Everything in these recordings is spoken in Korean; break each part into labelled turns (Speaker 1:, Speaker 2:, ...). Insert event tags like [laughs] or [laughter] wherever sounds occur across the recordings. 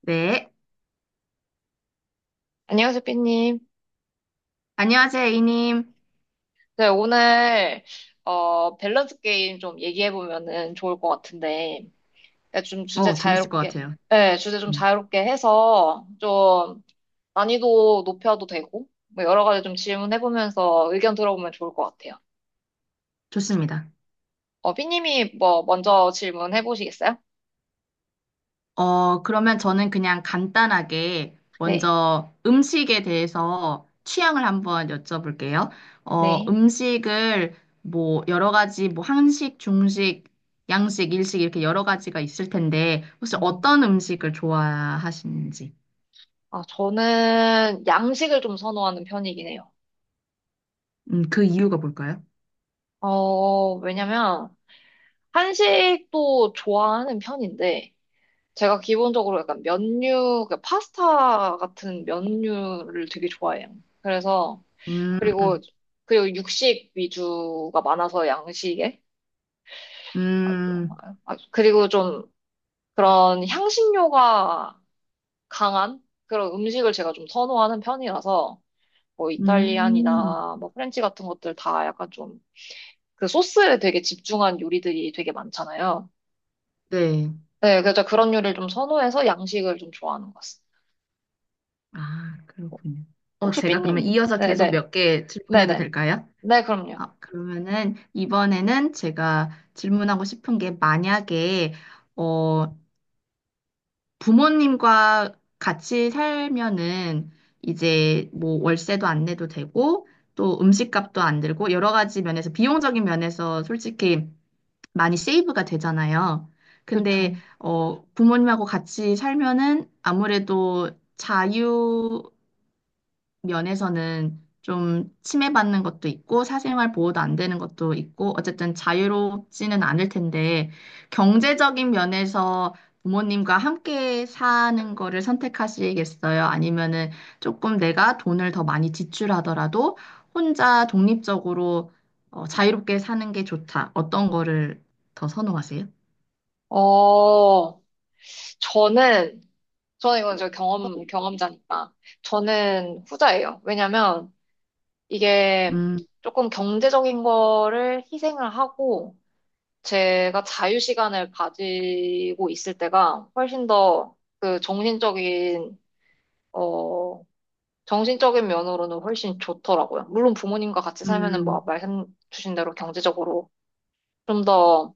Speaker 1: 네.
Speaker 2: 안녕하세요, 삐님.
Speaker 1: 안녕하세요, A님.
Speaker 2: 네, 오늘, 밸런스 게임 좀 얘기해보면은 좋을 것 같은데, 네, 좀 주제
Speaker 1: 재밌을 것
Speaker 2: 자유롭게,
Speaker 1: 같아요.
Speaker 2: 네, 주제 좀
Speaker 1: 음,
Speaker 2: 자유롭게 해서, 좀 난이도 높여도 되고, 뭐 여러 가지 좀 질문해보면서 의견 들어보면 좋을 것 같아요.
Speaker 1: 좋습니다.
Speaker 2: 삐님이 뭐, 먼저 질문해보시겠어요?
Speaker 1: 그러면 저는 그냥 간단하게
Speaker 2: 네,
Speaker 1: 먼저 음식에 대해서 취향을 한번 여쭤볼게요.
Speaker 2: 네.
Speaker 1: 음식을 뭐 여러 가지 뭐 한식, 중식, 양식, 일식 이렇게 여러 가지가 있을 텐데 혹시
Speaker 2: 음,
Speaker 1: 어떤 음식을 좋아하시는지.
Speaker 2: 아, 저는 양식을 좀 선호하는 편이긴 해요.
Speaker 1: 그 이유가 뭘까요?
Speaker 2: 왜냐면, 한식도 좋아하는 편인데, 제가 기본적으로 약간 면류, 그 파스타 같은 면류를 되게 좋아해요. 그래서, 그리고,
Speaker 1: 음,
Speaker 2: 그리고 육식 위주가 많아서 양식에. 아주,
Speaker 1: 음,
Speaker 2: 그리고 좀 그런 향신료가 강한 그런 음식을 제가 좀 선호하는 편이라서, 뭐
Speaker 1: 음,
Speaker 2: 이탈리안이나 뭐 프렌치 같은 것들 다 약간 좀 그 소스에 되게 집중한 요리들이 되게 많잖아요.
Speaker 1: 네.
Speaker 2: 네, 그래서 그런 요리를 좀 선호해서 양식을 좀 좋아하는 것 같습니다.
Speaker 1: 아, 그렇군요.
Speaker 2: 혹시
Speaker 1: 제가 그러면
Speaker 2: 삐님,
Speaker 1: 이어서
Speaker 2: 네,
Speaker 1: 계속
Speaker 2: 네.
Speaker 1: 몇 개 질문해도
Speaker 2: 네네.
Speaker 1: 될까요?
Speaker 2: 네, 그럼요.
Speaker 1: 아, 그러면은 이번에는 제가 질문하고 싶은 게 만약에 어, 부모님과 같이 살면은 이제 뭐 월세도 안 내도 되고 또 음식값도 안 들고 여러 가지 면에서 비용적인 면에서 솔직히 많이 세이브가 되잖아요. 근데
Speaker 2: 그쵸.
Speaker 1: 부모님하고 같이 살면은 아무래도 자유 면에서는 좀 침해받는 것도 있고 사생활 보호도 안 되는 것도 있고 어쨌든 자유롭지는 않을 텐데 경제적인 면에서 부모님과 함께 사는 거를 선택하시겠어요? 아니면은 조금 내가 돈을 더 많이 지출하더라도 혼자 독립적으로 자유롭게 사는 게 좋다. 어떤 거를 더 선호하세요?
Speaker 2: 어, 저는, 저는 이건 경험자니까. 저는 후자예요. 왜냐면 이게
Speaker 1: 음,
Speaker 2: 조금 경제적인 거를 희생을 하고 제가 자유 시간을 가지고 있을 때가 훨씬 더 그 정신적인, 어, 정신적인 면으로는 훨씬 좋더라고요. 물론 부모님과 같이 살면은 뭐
Speaker 1: 음,
Speaker 2: 말씀 주신 대로 경제적으로 좀더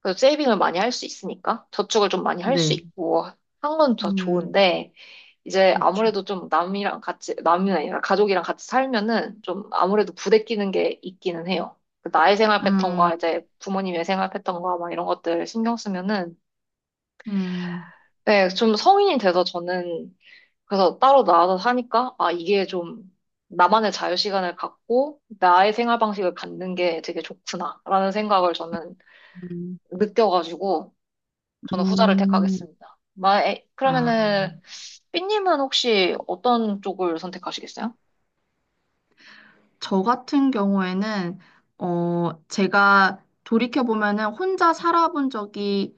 Speaker 2: 그래서 세이빙을 많이 할 수 있으니까 저축을 좀 많이 할 수
Speaker 1: 네.
Speaker 2: 있고 한 건 더
Speaker 1: 음,
Speaker 2: 좋은데 이제
Speaker 1: 그렇죠.
Speaker 2: 아무래도 좀 남이 아니라 가족이랑 같이 살면은 좀 아무래도 부대끼는 게 있기는 해요. 그 나의 생활
Speaker 1: 음,
Speaker 2: 패턴과 이제 부모님의 생활 패턴과 막 이런 것들 신경 쓰면은
Speaker 1: 음,
Speaker 2: 네, 좀 성인이 돼서 저는 그래서 따로 나와서 사니까 아 이게 좀 나만의 자유 시간을 갖고 나의 생활 방식을 갖는 게 되게 좋구나라는 생각을 저는
Speaker 1: 음,
Speaker 2: 느껴가지고 저는 후자를
Speaker 1: 음.
Speaker 2: 택하겠습니다. 마, 에,
Speaker 1: 아,
Speaker 2: 그러면은 삐님은 혹시 어떤 쪽을 선택하시겠어요?
Speaker 1: 저 같은 경우에는, 제가 돌이켜보면은 혼자 살아본 적이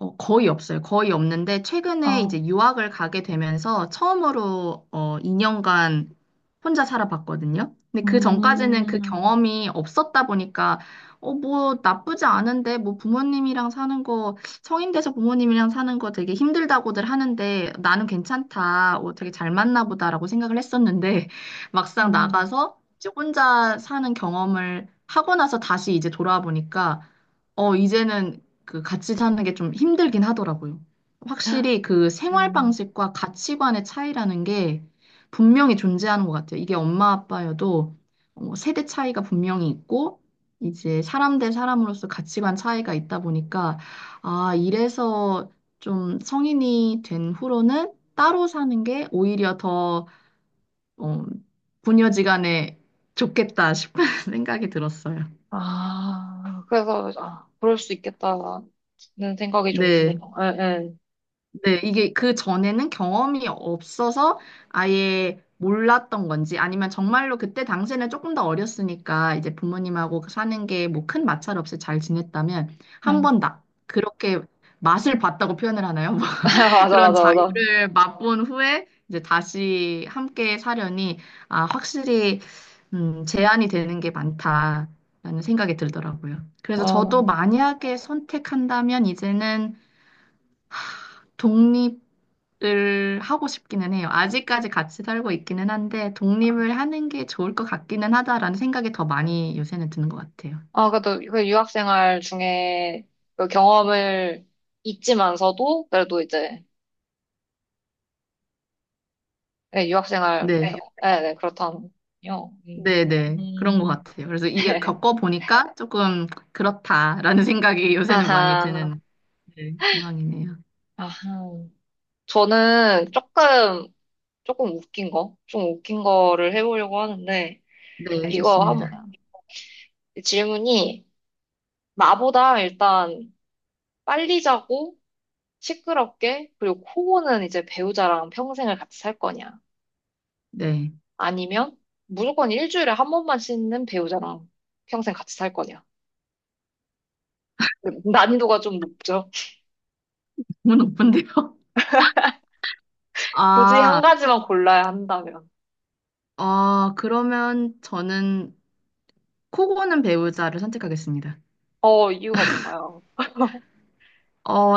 Speaker 1: 거의 없어요. 거의 없는데, 최근에 이제
Speaker 2: 아,
Speaker 1: 유학을 가게 되면서 처음으로 2년간 혼자 살아봤거든요. 근데 그 전까지는 그
Speaker 2: 음,
Speaker 1: 경험이 없었다 보니까, 뭐 나쁘지 않은데, 뭐 부모님이랑 사는 거, 성인 돼서 부모님이랑 사는 거 되게 힘들다고들 하는데, 나는 괜찮다. 되게 잘 맞나 보다라고 생각을 했었는데, [laughs] 막상
Speaker 2: 음,
Speaker 1: 나가서 이제 혼자 사는 경험을 하고 나서 다시 이제 돌아와 보니까, 이제는 그 같이 사는 게 좀 힘들긴 하더라고요. 확실히 그 생활
Speaker 2: 음.
Speaker 1: 방식과 가치관의 차이라는 게 분명히 존재하는 것 같아요. 이게 엄마 아빠여도 세대 차이가 분명히 있고, 이제 사람 대 사람으로서 가치관 차이가 있다 보니까, 아, 이래서 좀 성인이 된 후로는 따로 사는 게 오히려 더 어, 부녀지간에 좋겠다 싶은 [laughs] 생각이 들었어요.
Speaker 2: 아, 그래서 아, 그럴 수 있겠다는 생각이 좀 드네요.
Speaker 1: 네,
Speaker 2: 예, 예.
Speaker 1: 네, 이게 그 전에는 경험이 없어서 아예 몰랐던 건지 아니면 정말로 그때 당시에는 조금 더 어렸으니까 이제 부모님하고 사는 게 뭐 큰 마찰 없이 잘 지냈다면 한
Speaker 2: 예.
Speaker 1: 번 그렇게 맛을 봤다고 표현을 하나요?
Speaker 2: [laughs] 맞아,
Speaker 1: 그런
Speaker 2: 맞아, 맞아.
Speaker 1: 자유를 맛본 후에 이제 다시 함께 사려니 아, 확실히 제한이 되는 게 많다라는 생각이 들더라고요. 그래서 저도
Speaker 2: 어,
Speaker 1: 만약에 선택한다면 이제는 독립을 하고 싶기는 해요. 아직까지 같이 살고 있기는 한데 독립을 하는 게 좋을 것 같기는 하다라는 생각이 더 많이 요새는 드는 것 같아요.
Speaker 2: 아, 그래도 그 유학 생활 중에 그 경험을 잊지만서도 그래도 이제 예,
Speaker 1: 네.
Speaker 2: 예, 네, 그렇다면요.
Speaker 1: 네,
Speaker 2: 음.
Speaker 1: 네. 그런 것
Speaker 2: 음.
Speaker 1: 같아요. 그래서 이게
Speaker 2: [laughs]
Speaker 1: 겪어보니까 조금 그렇다라는 생각이 요새는 많이
Speaker 2: 아하,
Speaker 1: 드는 네, 공항이네요.
Speaker 2: 아하. 저는 조금, 조금 웃긴 거, 좀 웃긴 거를 해보려고 하는데,
Speaker 1: 네, 네.
Speaker 2: 이거
Speaker 1: 좋습니다.
Speaker 2: 한번, 질문이, 나보다 일단 빨리 자고, 시끄럽게, 그리고 코고는 이제 배우자랑 평생을 같이 살 거냐?
Speaker 1: 네.
Speaker 2: 아니면, 무조건 일주일에 한 번만 씻는 배우자랑 평생 같이 살 거냐? 난이도가 좀 높죠.
Speaker 1: 너무 높은데요? [laughs]
Speaker 2: [laughs] 굳이 한
Speaker 1: 아,
Speaker 2: 가지만 골라야 한다면.
Speaker 1: 그러면 저는 코고는 배우자를 선택하겠습니다.
Speaker 2: 이유가 뭔가요?
Speaker 1: 어,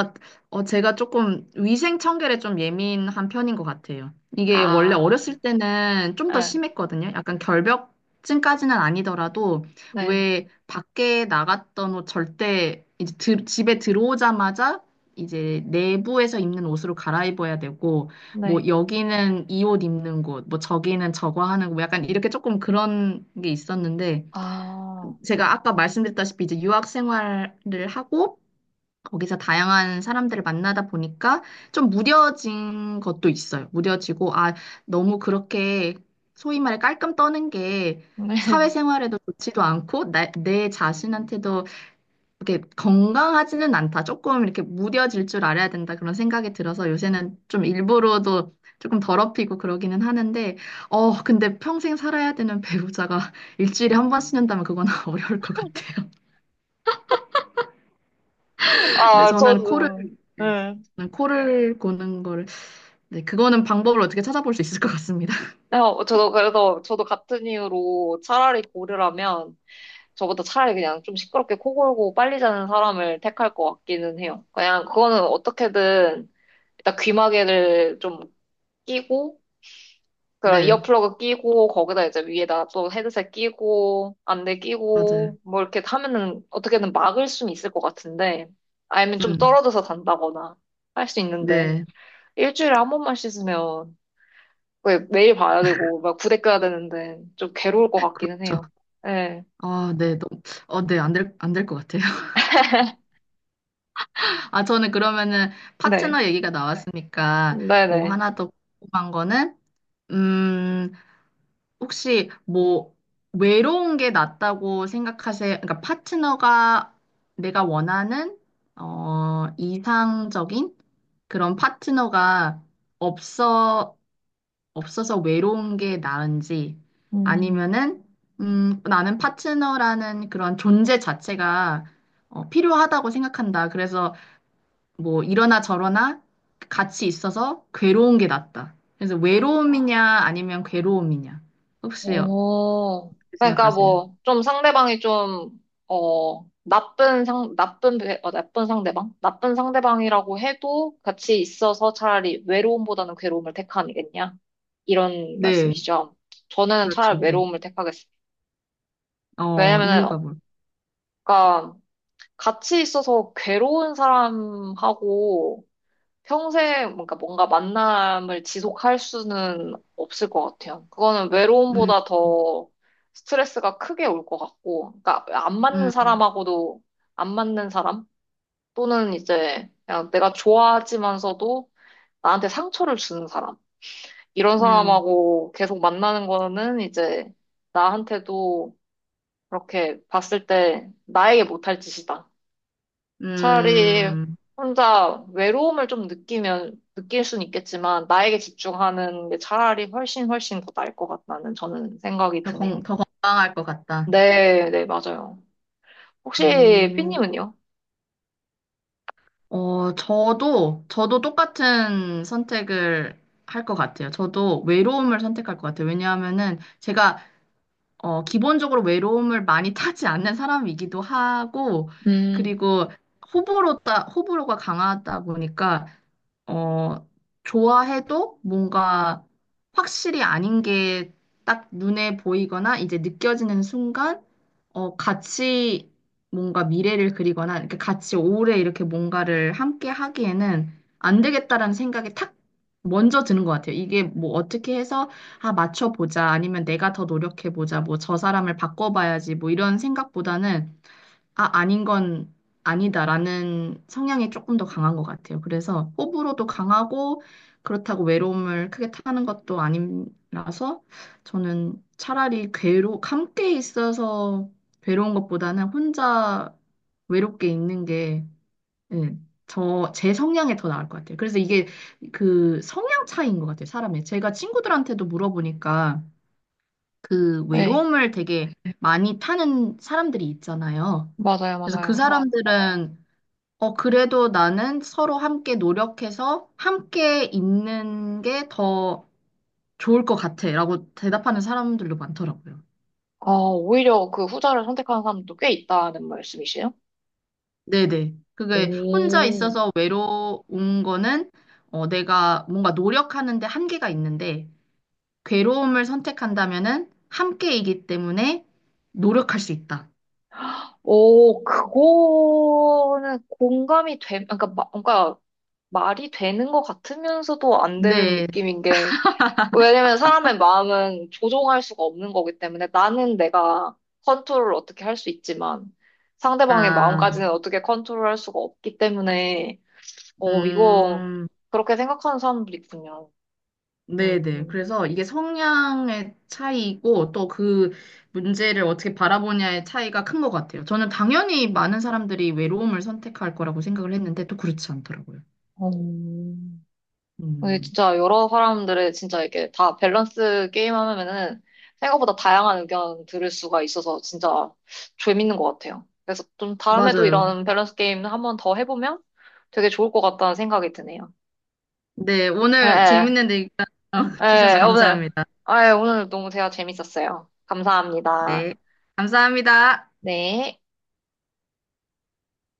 Speaker 1: 제가 조금 위생 청결에 좀 예민한 편인 것 같아요. 이게 원래
Speaker 2: 아,
Speaker 1: 어렸을 때는 좀 더
Speaker 2: 네,
Speaker 1: 심했거든요. 약간 결벽증까지는 아니더라도
Speaker 2: 네,
Speaker 1: 왜 밖에 나갔던 옷 절대 이제 드- 집에 들어오자마자 이제 내부에서 입는 옷으로 갈아입어야 되고 뭐
Speaker 2: 네.
Speaker 1: 여기는 이 옷 입는 곳, 뭐 저기는 저거 하는 곳, 약간 이렇게 조금 그런 게 있었는데
Speaker 2: 아,
Speaker 1: 제가 아까 말씀드렸다시피 이제 유학 생활을 하고 거기서 다양한 사람들을 만나다 보니까 좀 무뎌진 것도 있어요. 무뎌지고, 아, 너무 그렇게 소위 말해 깔끔 떠는 게
Speaker 2: 네. [laughs]
Speaker 1: 사회생활에도 좋지도 않고, 나, 내 자신한테도 이렇게 건강하지는 않다. 조금 이렇게 무뎌질 줄 알아야 된다. 그런 생각이 들어서 요새는 좀 일부러도 조금 더럽히고 그러기는 하는데, 근데 평생 살아야 되는 배우자가 [laughs] 일주일에 한 번씩 는다면 그건 [laughs] 어려울 것 같아요. 근데
Speaker 2: 아,
Speaker 1: 저는 코를
Speaker 2: 저도,
Speaker 1: 네,
Speaker 2: 네.
Speaker 1: 저는 코를 고는 거를 네, 그거는 방법을 어떻게 찾아볼 수 있을 것 같습니다. [laughs]
Speaker 2: 네, 저도 그래서, 저도 같은 이유로 차라리 고르라면, 저보다 차라리 그냥 좀 시끄럽게 코 골고 빨리 자는 사람을 택할 것 같기는 해요. 그냥 그거는 어떻게든, 일단 귀마개를 좀 끼고, 그런
Speaker 1: 네,
Speaker 2: 이어플러그 끼고, 거기다 이제 위에다 또 헤드셋 끼고, 안대
Speaker 1: 맞아요.
Speaker 2: 끼고, 뭐 이렇게 하면은 어떻게든 막을 수는 있을 것 같은데, 아니면 좀
Speaker 1: 음,
Speaker 2: 떨어져서 잔다거나 할 수 있는데,
Speaker 1: 네.
Speaker 2: 일주일에 한 번만 씻으면 왜 매일 봐야 되고 막 부대 껴야 되는데 좀 괴로울 것 같기는
Speaker 1: 저,
Speaker 2: 해요. 네,
Speaker 1: 아, 네, 너무, 네, 안 될 것 같아요. [laughs] 아, 저는 그러면은
Speaker 2: 네,
Speaker 1: 파트너 얘기가 나왔으니까 뭐
Speaker 2: 네네.
Speaker 1: 하나 더 궁금한 거는, 음, 혹시 뭐 외로운 게 낫다고 생각하세요? 그러니까 파트너가 내가 원하는, 이상적인 그런 파트너가 없어, 없어서 외로운 게 나은지,
Speaker 2: 음.
Speaker 1: 아니면은, 나는 파트너라는 그런 존재 자체가 필요하다고 생각한다. 그래서 뭐 이러나 저러나 같이 있어서 괴로운 게 낫다. 그래서 외로움이냐, 아니면 괴로움이냐. 혹시 어떻게
Speaker 2: 오, 그러니까
Speaker 1: 생각하세요?
Speaker 2: 뭐, 좀 상대방이 좀, 어, 나쁜 상, 나쁜, 배- 어, 나쁜 상대방? 나쁜 상대방이라고 해도 같이 있어서 차라리 외로움보다는 괴로움을 택하겠냐? 이런
Speaker 1: 네,
Speaker 2: 말씀이시죠. 저는
Speaker 1: 그렇죠.
Speaker 2: 차라리
Speaker 1: 네.
Speaker 2: 외로움을 택하겠습니다. 왜냐면은, 그
Speaker 1: 이유가
Speaker 2: 니
Speaker 1: 뭘?
Speaker 2: 까 같이 있어서 괴로운 사람하고 평생 뭔가 만남을 지속할 수는 없을 것 같아요. 그거는
Speaker 1: 음,
Speaker 2: 외로움보다 더 스트레스가 크게 올 것 같고, 그러니까
Speaker 1: 음,
Speaker 2: 안 맞는 사람 또는 이제 그냥 내가 좋아하지만서도 나한테 상처를 주는 사람 이런
Speaker 1: 음,
Speaker 2: 사람하고 계속 만나는 거는 이제 나한테도 그렇게 봤을 때 나에게 못할 짓이다. 차라리
Speaker 1: 음,
Speaker 2: 혼자 외로움을 좀 느끼면, 느낄 순 있겠지만, 나에게 집중하는 게 차라리 훨씬 더 나을 것 같다는 저는 생각이 드네요.
Speaker 1: 더 건강할 것 같다.
Speaker 2: 네, 네, 맞아요. 혹시
Speaker 1: 음.
Speaker 2: 삐님은요?
Speaker 1: 저도 똑같은 선택을 할 것 같아요. 저도 외로움을 선택할 것 같아요. 왜냐하면은 제가, 기본적으로 외로움을 많이 [laughs] 타지 않는 사람이기도 하고,
Speaker 2: 음,
Speaker 1: 그리고 호불호다, 호불호가 강하다 보니까 어, 좋아해도 뭔가 확실히 아닌 게 딱 눈에 보이거나 이제 느껴지는 순간, 같이 뭔가 미래를 그리거나, 이렇게 같이 오래 이렇게 뭔가를 함께 하기에는 안 되겠다라는 생각이 탁 먼저 드는 것 같아요. 이게 뭐 어떻게 해서, 아, 맞춰보자, 아니면 내가 더 노력해보자, 뭐 저 사람을 바꿔봐야지, 뭐 이런 생각보다는 아, 아닌 건 아니다라는 성향이 조금 더 강한 것 같아요. 그래서 호불호도 강하고 그렇다고 외로움을 크게 타는 것도 아니라서 저는 차라리 함께 있어서 괴로운 것보다는 혼자 외롭게 있는 게, 예, 제 성향에 더 나을 것 같아요. 그래서 이게 그 성향 차이인 것 같아요, 사람의. 제가 친구들한테도 물어보니까 그
Speaker 2: 네,
Speaker 1: 외로움을 되게 많이 타는 사람들이 있잖아요.
Speaker 2: 맞아요,
Speaker 1: 그래서 그
Speaker 2: 맞아요.
Speaker 1: 사람들은 그래도 나는 서로 함께 노력해서 함께 있는 게 더 좋을 것 같아. 라고 대답하는 사람들도 많더라고요.
Speaker 2: 아, 오히려 그 후자를 선택하는 사람도 꽤 있다는 말씀이시에요?
Speaker 1: 네네. 그게 혼자
Speaker 2: 오,
Speaker 1: 있어서 외로운 거는 내가 뭔가 노력하는데 한계가 있는데 괴로움을 선택한다면은 함께이기 때문에 노력할 수 있다.
Speaker 2: 오, 그거는 공감이 되, 그러니까, 마- 그러니까 말이 되는 것 같으면서도 안 되는
Speaker 1: 네.
Speaker 2: 느낌인 게, 왜냐면 사람의 마음은 조종할 수가 없는 거기 때문에 나는 내가 컨트롤을 어떻게 할 수 있지만 상대방의
Speaker 1: 아,
Speaker 2: 마음까지는 어떻게 컨트롤할 수가 없기 때문에 어 이거
Speaker 1: 음.
Speaker 2: 그렇게 생각하는 사람들이 있군요.
Speaker 1: 네네.
Speaker 2: 음.
Speaker 1: 그래서 이게 성향의 차이고 또 그 문제를 어떻게 바라보냐의 차이가 큰 것 같아요. 저는 당연히 많은 사람들이 외로움을 선택할 거라고 생각을 했는데 또 그렇지 않더라고요.
Speaker 2: 음, 근데
Speaker 1: 음,
Speaker 2: 진짜 여러 사람들의 진짜 이게 다 밸런스 게임 하면은 생각보다 다양한 의견 들을 수가 있어서 진짜 재밌는 것 같아요. 그래서 좀 다음에도
Speaker 1: 맞아요.
Speaker 2: 이런 밸런스 게임 한번 더 해보면 되게 좋을 것 같다는 생각이 드네요.
Speaker 1: 네, 오늘
Speaker 2: 예,
Speaker 1: 재밌는 얘기 [laughs]
Speaker 2: 예,
Speaker 1: 주셔서
Speaker 2: 예, 오늘,
Speaker 1: 감사합니다.
Speaker 2: 아, 예, 오늘 너무 대화 재밌었어요. 감사합니다.
Speaker 1: 네, 감사합니다.
Speaker 2: 네.